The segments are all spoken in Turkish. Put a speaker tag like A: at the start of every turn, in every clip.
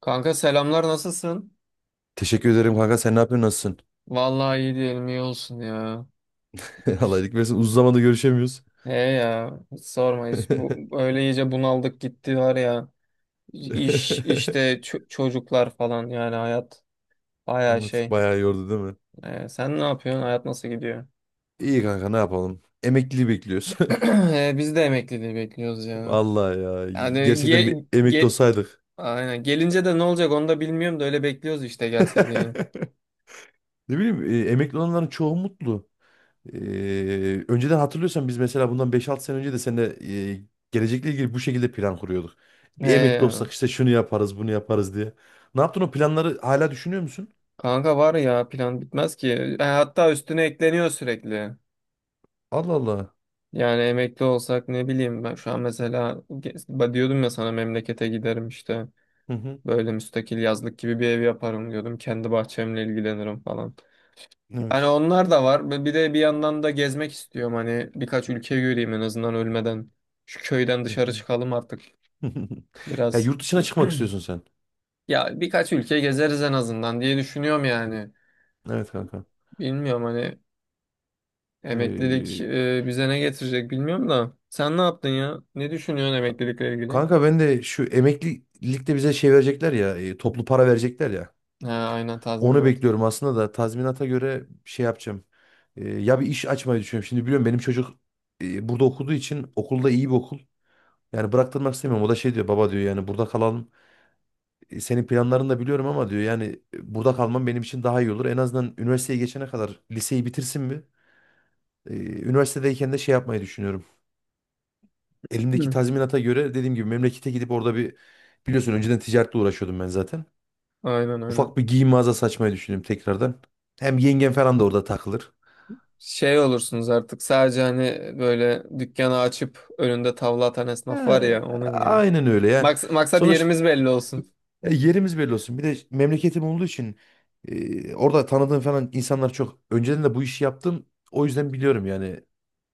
A: Kanka selamlar, nasılsın?
B: Teşekkür ederim kanka. Sen ne yapıyorsun? Nasılsın?
A: Vallahi iyi diyelim, iyi olsun ya.
B: Allah iyilik versin. Uzun zamandır görüşemiyoruz.
A: He ya, hiç sorma, hiç bu öyle iyice bunaldık gitti var ya. İş işte, çocuklar falan, yani hayat baya
B: Evet,
A: şey.
B: bayağı yordu değil mi?
A: Sen ne yapıyorsun? Hayat nasıl gidiyor?
B: İyi kanka, ne yapalım? Emekliliği bekliyoruz.
A: Biz de emekliliği bekliyoruz ya.
B: Vallahi ya.
A: Yani
B: Gerçekten bir emekli olsaydık.
A: aynen, gelince de ne olacak onu da bilmiyorum da öyle bekliyoruz işte, gelse diye.
B: Ne bileyim, emekli olanların çoğu mutlu. Önceden hatırlıyorsan biz mesela bundan 5-6 sene önce de seninle gelecekle ilgili bu şekilde plan kuruyorduk. Bir
A: He
B: emekli
A: ya.
B: olsak işte şunu yaparız bunu yaparız diye. Ne yaptın o planları hala düşünüyor musun?
A: Kanka var ya, plan bitmez ki. Hatta üstüne ekleniyor sürekli.
B: Allah Allah.
A: Yani emekli olsak, ne bileyim, ben şu an mesela diyordum ya sana, memlekete giderim işte,
B: Hı hı.
A: böyle müstakil yazlık gibi bir ev yaparım diyordum. Kendi bahçemle ilgilenirim falan. Yani
B: Evet.
A: onlar da var. Ve bir de bir yandan da gezmek istiyorum, hani birkaç ülke göreyim en azından ölmeden. Şu köyden dışarı çıkalım artık
B: Ya
A: biraz.
B: yurt dışına çıkmak istiyorsun sen.
A: Ya birkaç ülke gezeriz en azından diye düşünüyorum yani.
B: Evet kanka.
A: Bilmiyorum, hani emeklilik
B: Ee,
A: bize ne getirecek bilmiyorum da. Sen ne yaptın ya? Ne düşünüyorsun
B: ka-
A: emeklilikle ilgili?
B: Kanka ben de şu emeklilikte bize şey verecekler ya, toplu para verecekler ya.
A: Ha, aynen,
B: Onu
A: tazminat.
B: bekliyorum aslında da tazminata göre şey yapacağım. Ya bir iş açmayı düşünüyorum. Şimdi biliyorum, benim çocuk burada okuduğu için, okulda iyi bir okul. Yani bıraktırmak istemiyorum. O da şey diyor, baba diyor yani burada kalalım. E, senin planlarını da biliyorum ama diyor, yani burada kalmam benim için daha iyi olur. En azından üniversiteye geçene kadar liseyi bitirsin mi? Ee, Üniversitedeyken de şey yapmayı düşünüyorum. Elimdeki
A: Hı.
B: tazminata göre dediğim gibi memlekete gidip orada bir, biliyorsun önceden ticaretle uğraşıyordum ben zaten.
A: Aynen aynen.
B: Ufak bir giyim mağazası açmayı düşündüm tekrardan. Hem yengem falan da orada takılır.
A: Şey olursunuz artık, sadece hani böyle dükkanı açıp önünde tavla atan esnaf var
B: Ee,
A: ya, onun gibi.
B: aynen öyle ya.
A: Maksat yerimiz
B: Sonuçta
A: belli olsun.
B: yerimiz belli olsun. Bir de memleketim olduğu için orada tanıdığım falan insanlar çok. Önceden de bu işi yaptım. O yüzden biliyorum yani,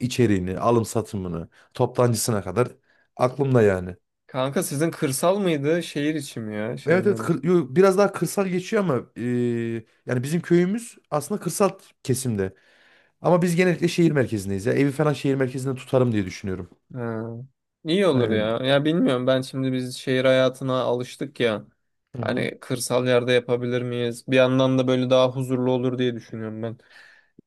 B: içeriğini, alım satımını, toptancısına kadar aklımda yani.
A: Kanka sizin kırsal mıydı, şehir içi mi, ya şey
B: Evet, evet,
A: mi?
B: yo, biraz daha kırsal geçiyor ama yani bizim köyümüz aslında kırsal kesimde. Ama biz genellikle şehir merkezindeyiz ya. Evi falan şehir merkezinde tutarım diye düşünüyorum.
A: Ha. İyi olur ya.
B: Aynen.
A: Ya bilmiyorum, ben şimdi biz şehir hayatına alıştık ya.
B: Hı hı.
A: Hani kırsal yerde yapabilir miyiz? Bir yandan da böyle daha huzurlu olur diye düşünüyorum ben.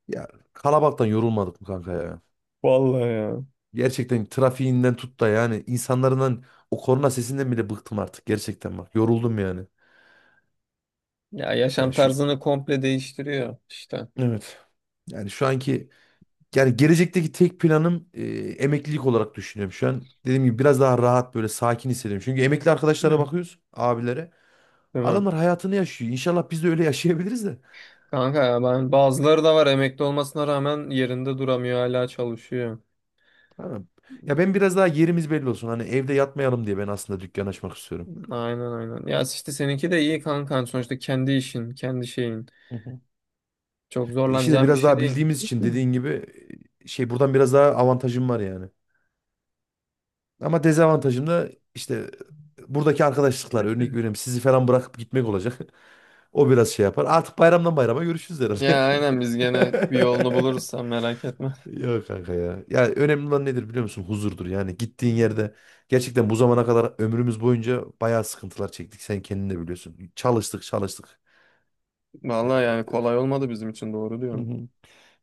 B: Ya kalabalıktan yorulmadık mı kanka ya?
A: Vallahi ya.
B: Gerçekten trafiğinden tut da yani insanların o korna sesinden bile bıktım artık, gerçekten bak. Yoruldum yani.
A: Ya yaşam
B: Yani şu,
A: tarzını komple değiştiriyor işte.
B: evet, yani şu anki, yani gelecekteki tek planım, emeklilik olarak düşünüyorum şu an. Dediğim gibi biraz daha rahat, böyle sakin hissediyorum. Çünkü emekli arkadaşlara
A: Hı.
B: bakıyoruz, abilere.
A: Değil mi?
B: Adamlar hayatını yaşıyor. İnşallah biz de öyle yaşayabiliriz de.
A: Kanka ya, ben bazıları da var emekli olmasına rağmen yerinde duramıyor, hala çalışıyor.
B: Tamam. Ya ben biraz daha yerimiz belli olsun, hani evde yatmayalım diye ben aslında dükkan açmak istiyorum.
A: Aynen aynen. Ya işte seninki de iyi kankan, sonuçta kendi işin, kendi şeyin.
B: Hı hı.
A: Çok
B: İşi de
A: zorlanacağın bir
B: biraz
A: şey
B: daha
A: değil.
B: bildiğimiz için, dediğin gibi, şey, buradan biraz daha avantajım var yani. Ama dezavantajım da işte, buradaki arkadaşlıklar, örnek veriyorum sizi falan bırakıp gitmek olacak. O biraz şey yapar. Artık bayramdan bayrama görüşürüz herhalde.
A: Ya aynen, biz gene bir yolunu buluruz, sen merak etme.
B: Yok kanka ya. Ya önemli olan nedir biliyor musun? Huzurdur. Yani gittiğin yerde gerçekten, bu zamana kadar ömrümüz boyunca bayağı sıkıntılar çektik. Sen kendin de biliyorsun. Çalıştık, çalıştık. Ya,
A: Vallahi yani kolay olmadı bizim için, doğru
B: hı
A: diyorum.
B: hı.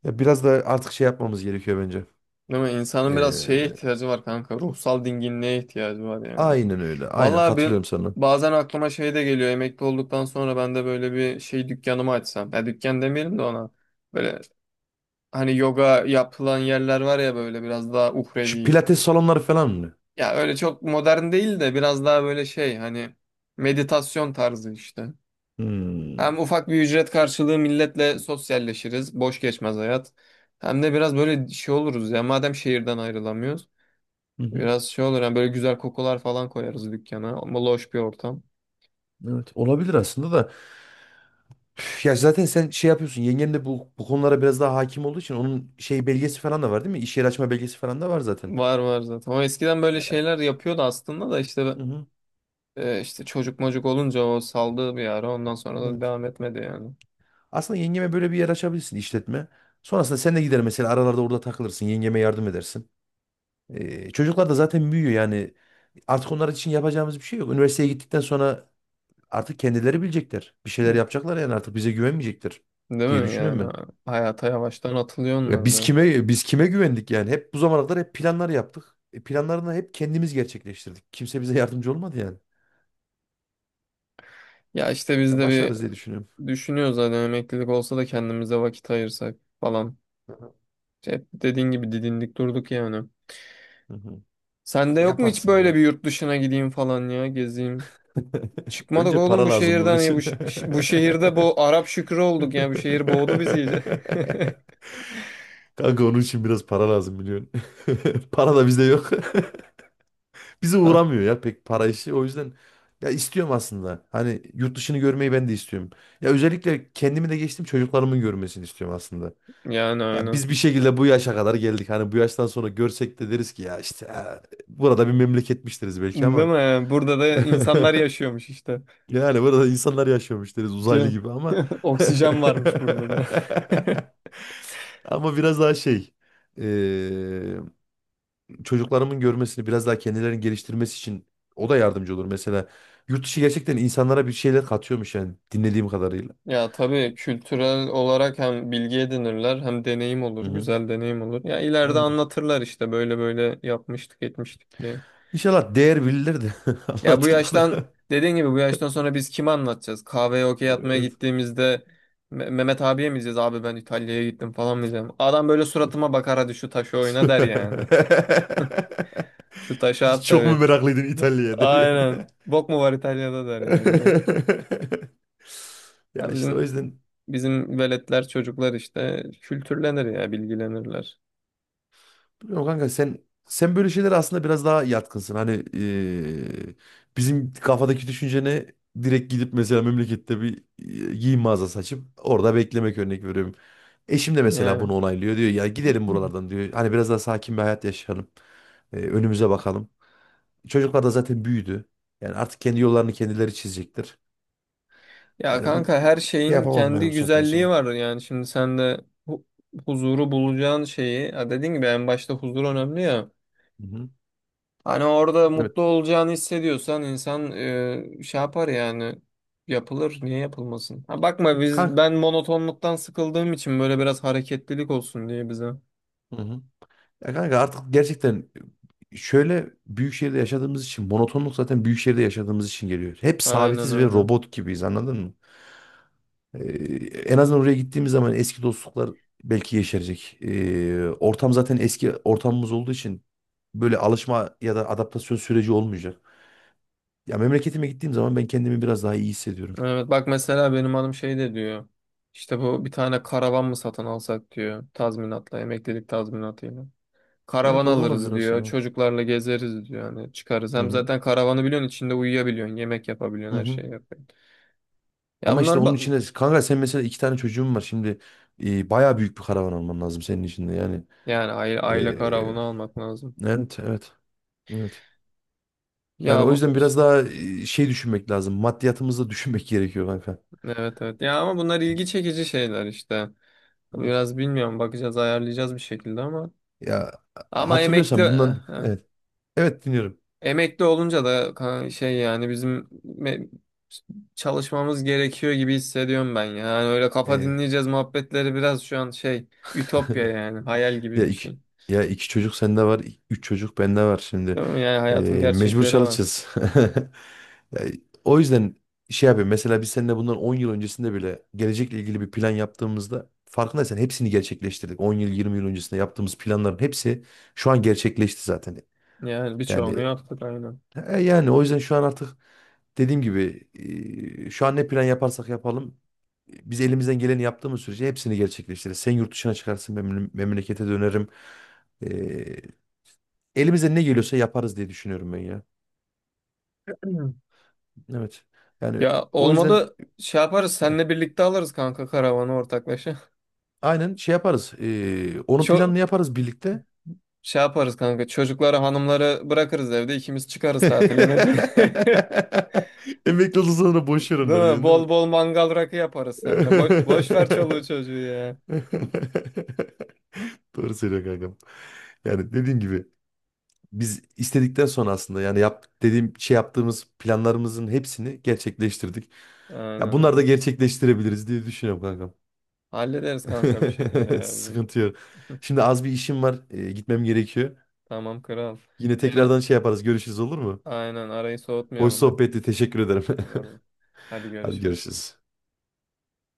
B: Ya biraz da artık şey yapmamız gerekiyor bence.
A: Değil mi? İnsanın biraz
B: Ee,
A: şeye ihtiyacı var kanka. Ruhsal dinginliğe ihtiyacı var yani.
B: aynen öyle. Aynen
A: Vallahi
B: katılıyorum
A: ben
B: sana.
A: bazen aklıma şey de geliyor. Emekli olduktan sonra ben de böyle bir şey, dükkanımı açsam. Ya dükkan demeyelim de ona. Böyle, hani yoga yapılan yerler var ya, böyle biraz daha
B: Şu
A: uhrevi.
B: pilates salonları falan mı?
A: Ya öyle çok modern değil de, biraz daha böyle şey, hani meditasyon tarzı işte. Hem
B: Hmm.
A: ufak bir ücret karşılığı milletle sosyalleşiriz, boş geçmez hayat. Hem de biraz böyle şey oluruz ya, madem şehirden ayrılamıyoruz.
B: Hı hı.
A: Biraz şey olur yani, böyle güzel kokular falan koyarız dükkana. Ama loş bir ortam.
B: Evet, olabilir aslında da. Üf, ya zaten sen şey yapıyorsun. Yengen de bu konulara biraz daha hakim olduğu için, onun şey belgesi falan da var değil mi? İş yeri açma belgesi falan da var zaten.
A: Var var zaten. O eskiden böyle şeyler yapıyordu aslında da, işte
B: Hı hı.
A: işte çocuk mocuk olunca o saldığı bir ara, ondan sonra da
B: Evet.
A: devam etmedi yani.
B: Aslında yengeme böyle bir yer açabilirsin, işletme. Sonrasında sen de gider mesela, aralarda orada takılırsın. Yengeme yardım edersin. Çocuklar da zaten büyüyor yani. Artık onlar için yapacağımız bir şey yok. Üniversiteye gittikten sonra artık kendileri bilecekler. Bir şeyler yapacaklar yani, artık bize güvenmeyecektir
A: Değil
B: diye
A: mi
B: düşünüyorum
A: yani?
B: ben.
A: Hayata yavaştan atılıyor
B: Ya
A: onlar
B: biz
A: da.
B: kime biz kime güvendik yani? Hep bu zamana kadar hep planlar yaptık. E, planlarını hep kendimiz gerçekleştirdik. Kimse bize yardımcı olmadı yani.
A: Ya işte biz
B: Ya
A: de
B: başarırız diye düşünüyorum.
A: düşünüyoruz zaten, emeklilik olsa da kendimize vakit ayırsak falan.
B: Hı hı.
A: İşte hep dediğin gibi didindik durduk yani.
B: Hı hı.
A: Sende yok mu hiç
B: Yaparsın
A: böyle
B: ya.
A: bir, yurt dışına gideyim falan ya, gezeyim? Çıkmadık
B: Önce
A: oğlum
B: para
A: bu
B: lazım bunun
A: şehirden ya,
B: için.
A: bu şehirde bu Arap Şükrü olduk ya, bu şehir boğdu bizi iyice.
B: Kanka, onun için biraz para lazım biliyorsun. Para da bizde yok. Bizi uğramıyor ya pek para işi. O yüzden, ya istiyorum aslında. Hani yurt dışını görmeyi ben de istiyorum. Ya özellikle kendimi de geçtim, çocuklarımın görmesini istiyorum aslında.
A: Yani
B: Ya
A: aynen.
B: biz bir şekilde bu yaşa kadar geldik. Hani bu yaştan sonra görsek de deriz ki ya işte, ha, burada bir memleketmiştiriz belki
A: Değil
B: ama
A: mi? Burada da insanlar yaşıyormuş işte.
B: yani burada insanlar yaşıyormuş deriz
A: Değil
B: uzaylı
A: mi?
B: gibi ama
A: Oksijen varmış burada da.
B: ama biraz daha şey, eee, çocuklarımın görmesini, biraz daha kendilerini geliştirmesi için o da yardımcı olur. Mesela yurt dışı gerçekten insanlara bir şeyler katıyormuş yani, dinlediğim kadarıyla.
A: Ya tabii, kültürel olarak hem bilgi edinirler, hem deneyim olur,
B: Hı hı.
A: güzel deneyim olur. Ya ileride
B: Aynen.
A: anlatırlar işte, böyle böyle yapmıştık, etmiştik diye.
B: İnşallah değer bilirler de
A: Ya bu yaştan
B: anlatırlar.
A: Dediğin gibi bu yaştan sonra biz kime anlatacağız? Kahveye okey atmaya
B: Evet.
A: gittiğimizde Mehmet abiye mi diyeceğiz? Abi ben İtalya'ya gittim falan mı diyeceğim? Adam böyle suratıma bakar, hadi şu taşı oyna der yani. Şu taşı at
B: Çok mu
A: tabii.
B: meraklıydın İtalya'ya der
A: Aynen.
B: yani.
A: Bok mu var İtalya'da der yani.
B: Ya
A: Ya
B: işte o
A: bizim
B: yüzden,
A: Bizim veletler, çocuklar işte kültürlenir ya, bilgilenirler.
B: bilmiyorum kanka, sen böyle şeylere aslında biraz daha yatkınsın. Hani, bizim kafadaki düşüncene direkt gidip mesela memlekette bir giyim mağazası açıp orada beklemek, örnek veriyorum. Eşim de mesela
A: Ya.
B: bunu onaylıyor, diyor ya gidelim buralardan diyor. Hani biraz daha sakin bir hayat yaşayalım. Önümüze bakalım. Çocuklar da zaten büyüdü. Yani artık kendi yollarını kendileri çizecektir.
A: Ya
B: Yani bu,
A: kanka, her
B: şey
A: şeyin
B: yapamam ben
A: kendi
B: bu saatten
A: güzelliği
B: sonra.
A: var yani. Şimdi sen de hu- huzuru bulacağın şeyi, ha dediğin gibi en başta huzur önemli ya.
B: Hı hı.
A: Hani orada
B: Evet.
A: mutlu olacağını hissediyorsan insan, şey yapar yani, yapılır, niye yapılmasın? Ha bakma,
B: Kanka.
A: ben monotonluktan sıkıldığım için böyle biraz hareketlilik olsun diye bize.
B: Ya kanka, artık gerçekten, şöyle büyük şehirde yaşadığımız için monotonluk, zaten büyük şehirde yaşadığımız için geliyor. Hep
A: Aynen
B: sabitiz ve
A: aynen.
B: robot gibiyiz, anladın mı? Ee, En azından oraya gittiğimiz zaman eski dostluklar belki yeşerecek. Ortam zaten eski ortamımız olduğu için böyle alışma ya da adaptasyon süreci olmayacak. Ya memleketime gittiğim zaman ben kendimi biraz daha iyi hissediyorum.
A: Evet bak, mesela benim hanım şey de diyor. İşte bu, bir tane karavan mı satın alsak diyor, tazminatla, emeklilik tazminatıyla. Karavan
B: Evet, o da olabilir
A: alırız diyor,
B: aslında.
A: çocuklarla gezeriz diyor, hani çıkarız.
B: Hı
A: Hem
B: hı.
A: zaten karavanı biliyorsun, içinde uyuyabiliyorsun, yemek
B: Hı
A: yapabiliyorsun, her
B: hı.
A: şeyi yapıyorsun. Ya
B: Ama
A: bunlar
B: işte onun
A: ba-
B: içine kanka, sen mesela iki tane çocuğun var şimdi, bayağı büyük bir karavan alman lazım senin için de yani.
A: Yani aile
B: Ee,
A: karavanı almak lazım.
B: evet, evet, evet. Yani
A: Ya
B: o
A: bu-
B: yüzden biraz daha şey düşünmek lazım. Maddiyatımızı düşünmek gerekiyor kanka.
A: evet evet. Ya ama bunlar ilgi çekici şeyler işte.
B: Evet.
A: Biraz bilmiyorum, bakacağız, ayarlayacağız bir şekilde ama.
B: Ya
A: Ama emekli
B: hatırlıyorsan bundan, evet, evet, dinliyorum.
A: emekli olunca da şey, yani bizim me- çalışmamız gerekiyor gibi hissediyorum ben ya. Yani öyle kafa
B: Ee,
A: dinleyeceğiz muhabbetleri biraz şu an şey, ütopya, yani hayal gibi
B: ya
A: bir şey.
B: iki ya iki çocuk sende var, üç çocuk bende var şimdi.
A: Değil mi? Yani hayatın
B: Mecbur
A: gerçekleri var.
B: çalışacağız. Ya, o yüzden şey yapıyorum. Mesela biz seninle bundan 10 yıl öncesinde bile gelecekle ilgili bir plan yaptığımızda, farkındaysan hepsini gerçekleştirdik. 10 yıl, 20 yıl öncesinde yaptığımız planların hepsi şu an gerçekleşti zaten.
A: Yani birçoğunu
B: Yani,
A: yaptık, aynen.
B: yani o yüzden şu an artık, dediğim gibi, şu an ne plan yaparsak yapalım, biz elimizden geleni yaptığımız sürece hepsini gerçekleştiririz. Sen yurt dışına çıkarsın, ben memlekete dönerim. E, Elimize ne geliyorsa yaparız diye düşünüyorum ben ya. Evet. Yani
A: Ya
B: o yüzden,
A: olmadı şey yaparız,
B: heh,
A: seninle birlikte alırız kanka karavanı ortaklaşa.
B: aynen şey yaparız, onun
A: Çok
B: planını yaparız birlikte.
A: Şey yaparız kanka, çocukları hanımları bırakırız evde, ikimiz çıkarız tatile ne diye.
B: Emekli olduktan sonra boşver
A: Değil
B: onları
A: mi?
B: diyorsun değil
A: Bol bol mangal rakı yaparız seninle. Boş ver çoluğu çocuğu ya.
B: mi? Doğru söylüyor kankam. Yani dediğim gibi, biz istedikten sonra aslında yani dediğim şey yaptığımız planlarımızın hepsini gerçekleştirdik. Ya
A: Aynen
B: bunları da
A: aynen.
B: gerçekleştirebiliriz diye düşünüyorum kankam.
A: Hallederiz kanka bir şekilde ya bizim.
B: Sıkıntı yok. Şimdi az bir işim var, gitmem gerekiyor.
A: Tamam kral.
B: Yine
A: Yine
B: tekrardan şey yaparız. Görüşürüz, olur mu?
A: aynen, arayı
B: Hoş
A: soğutmayalım hadi.
B: sohbetti. Teşekkür ederim.
A: Eyvallah. Hadi
B: Hadi
A: görüşürüz.
B: görüşürüz.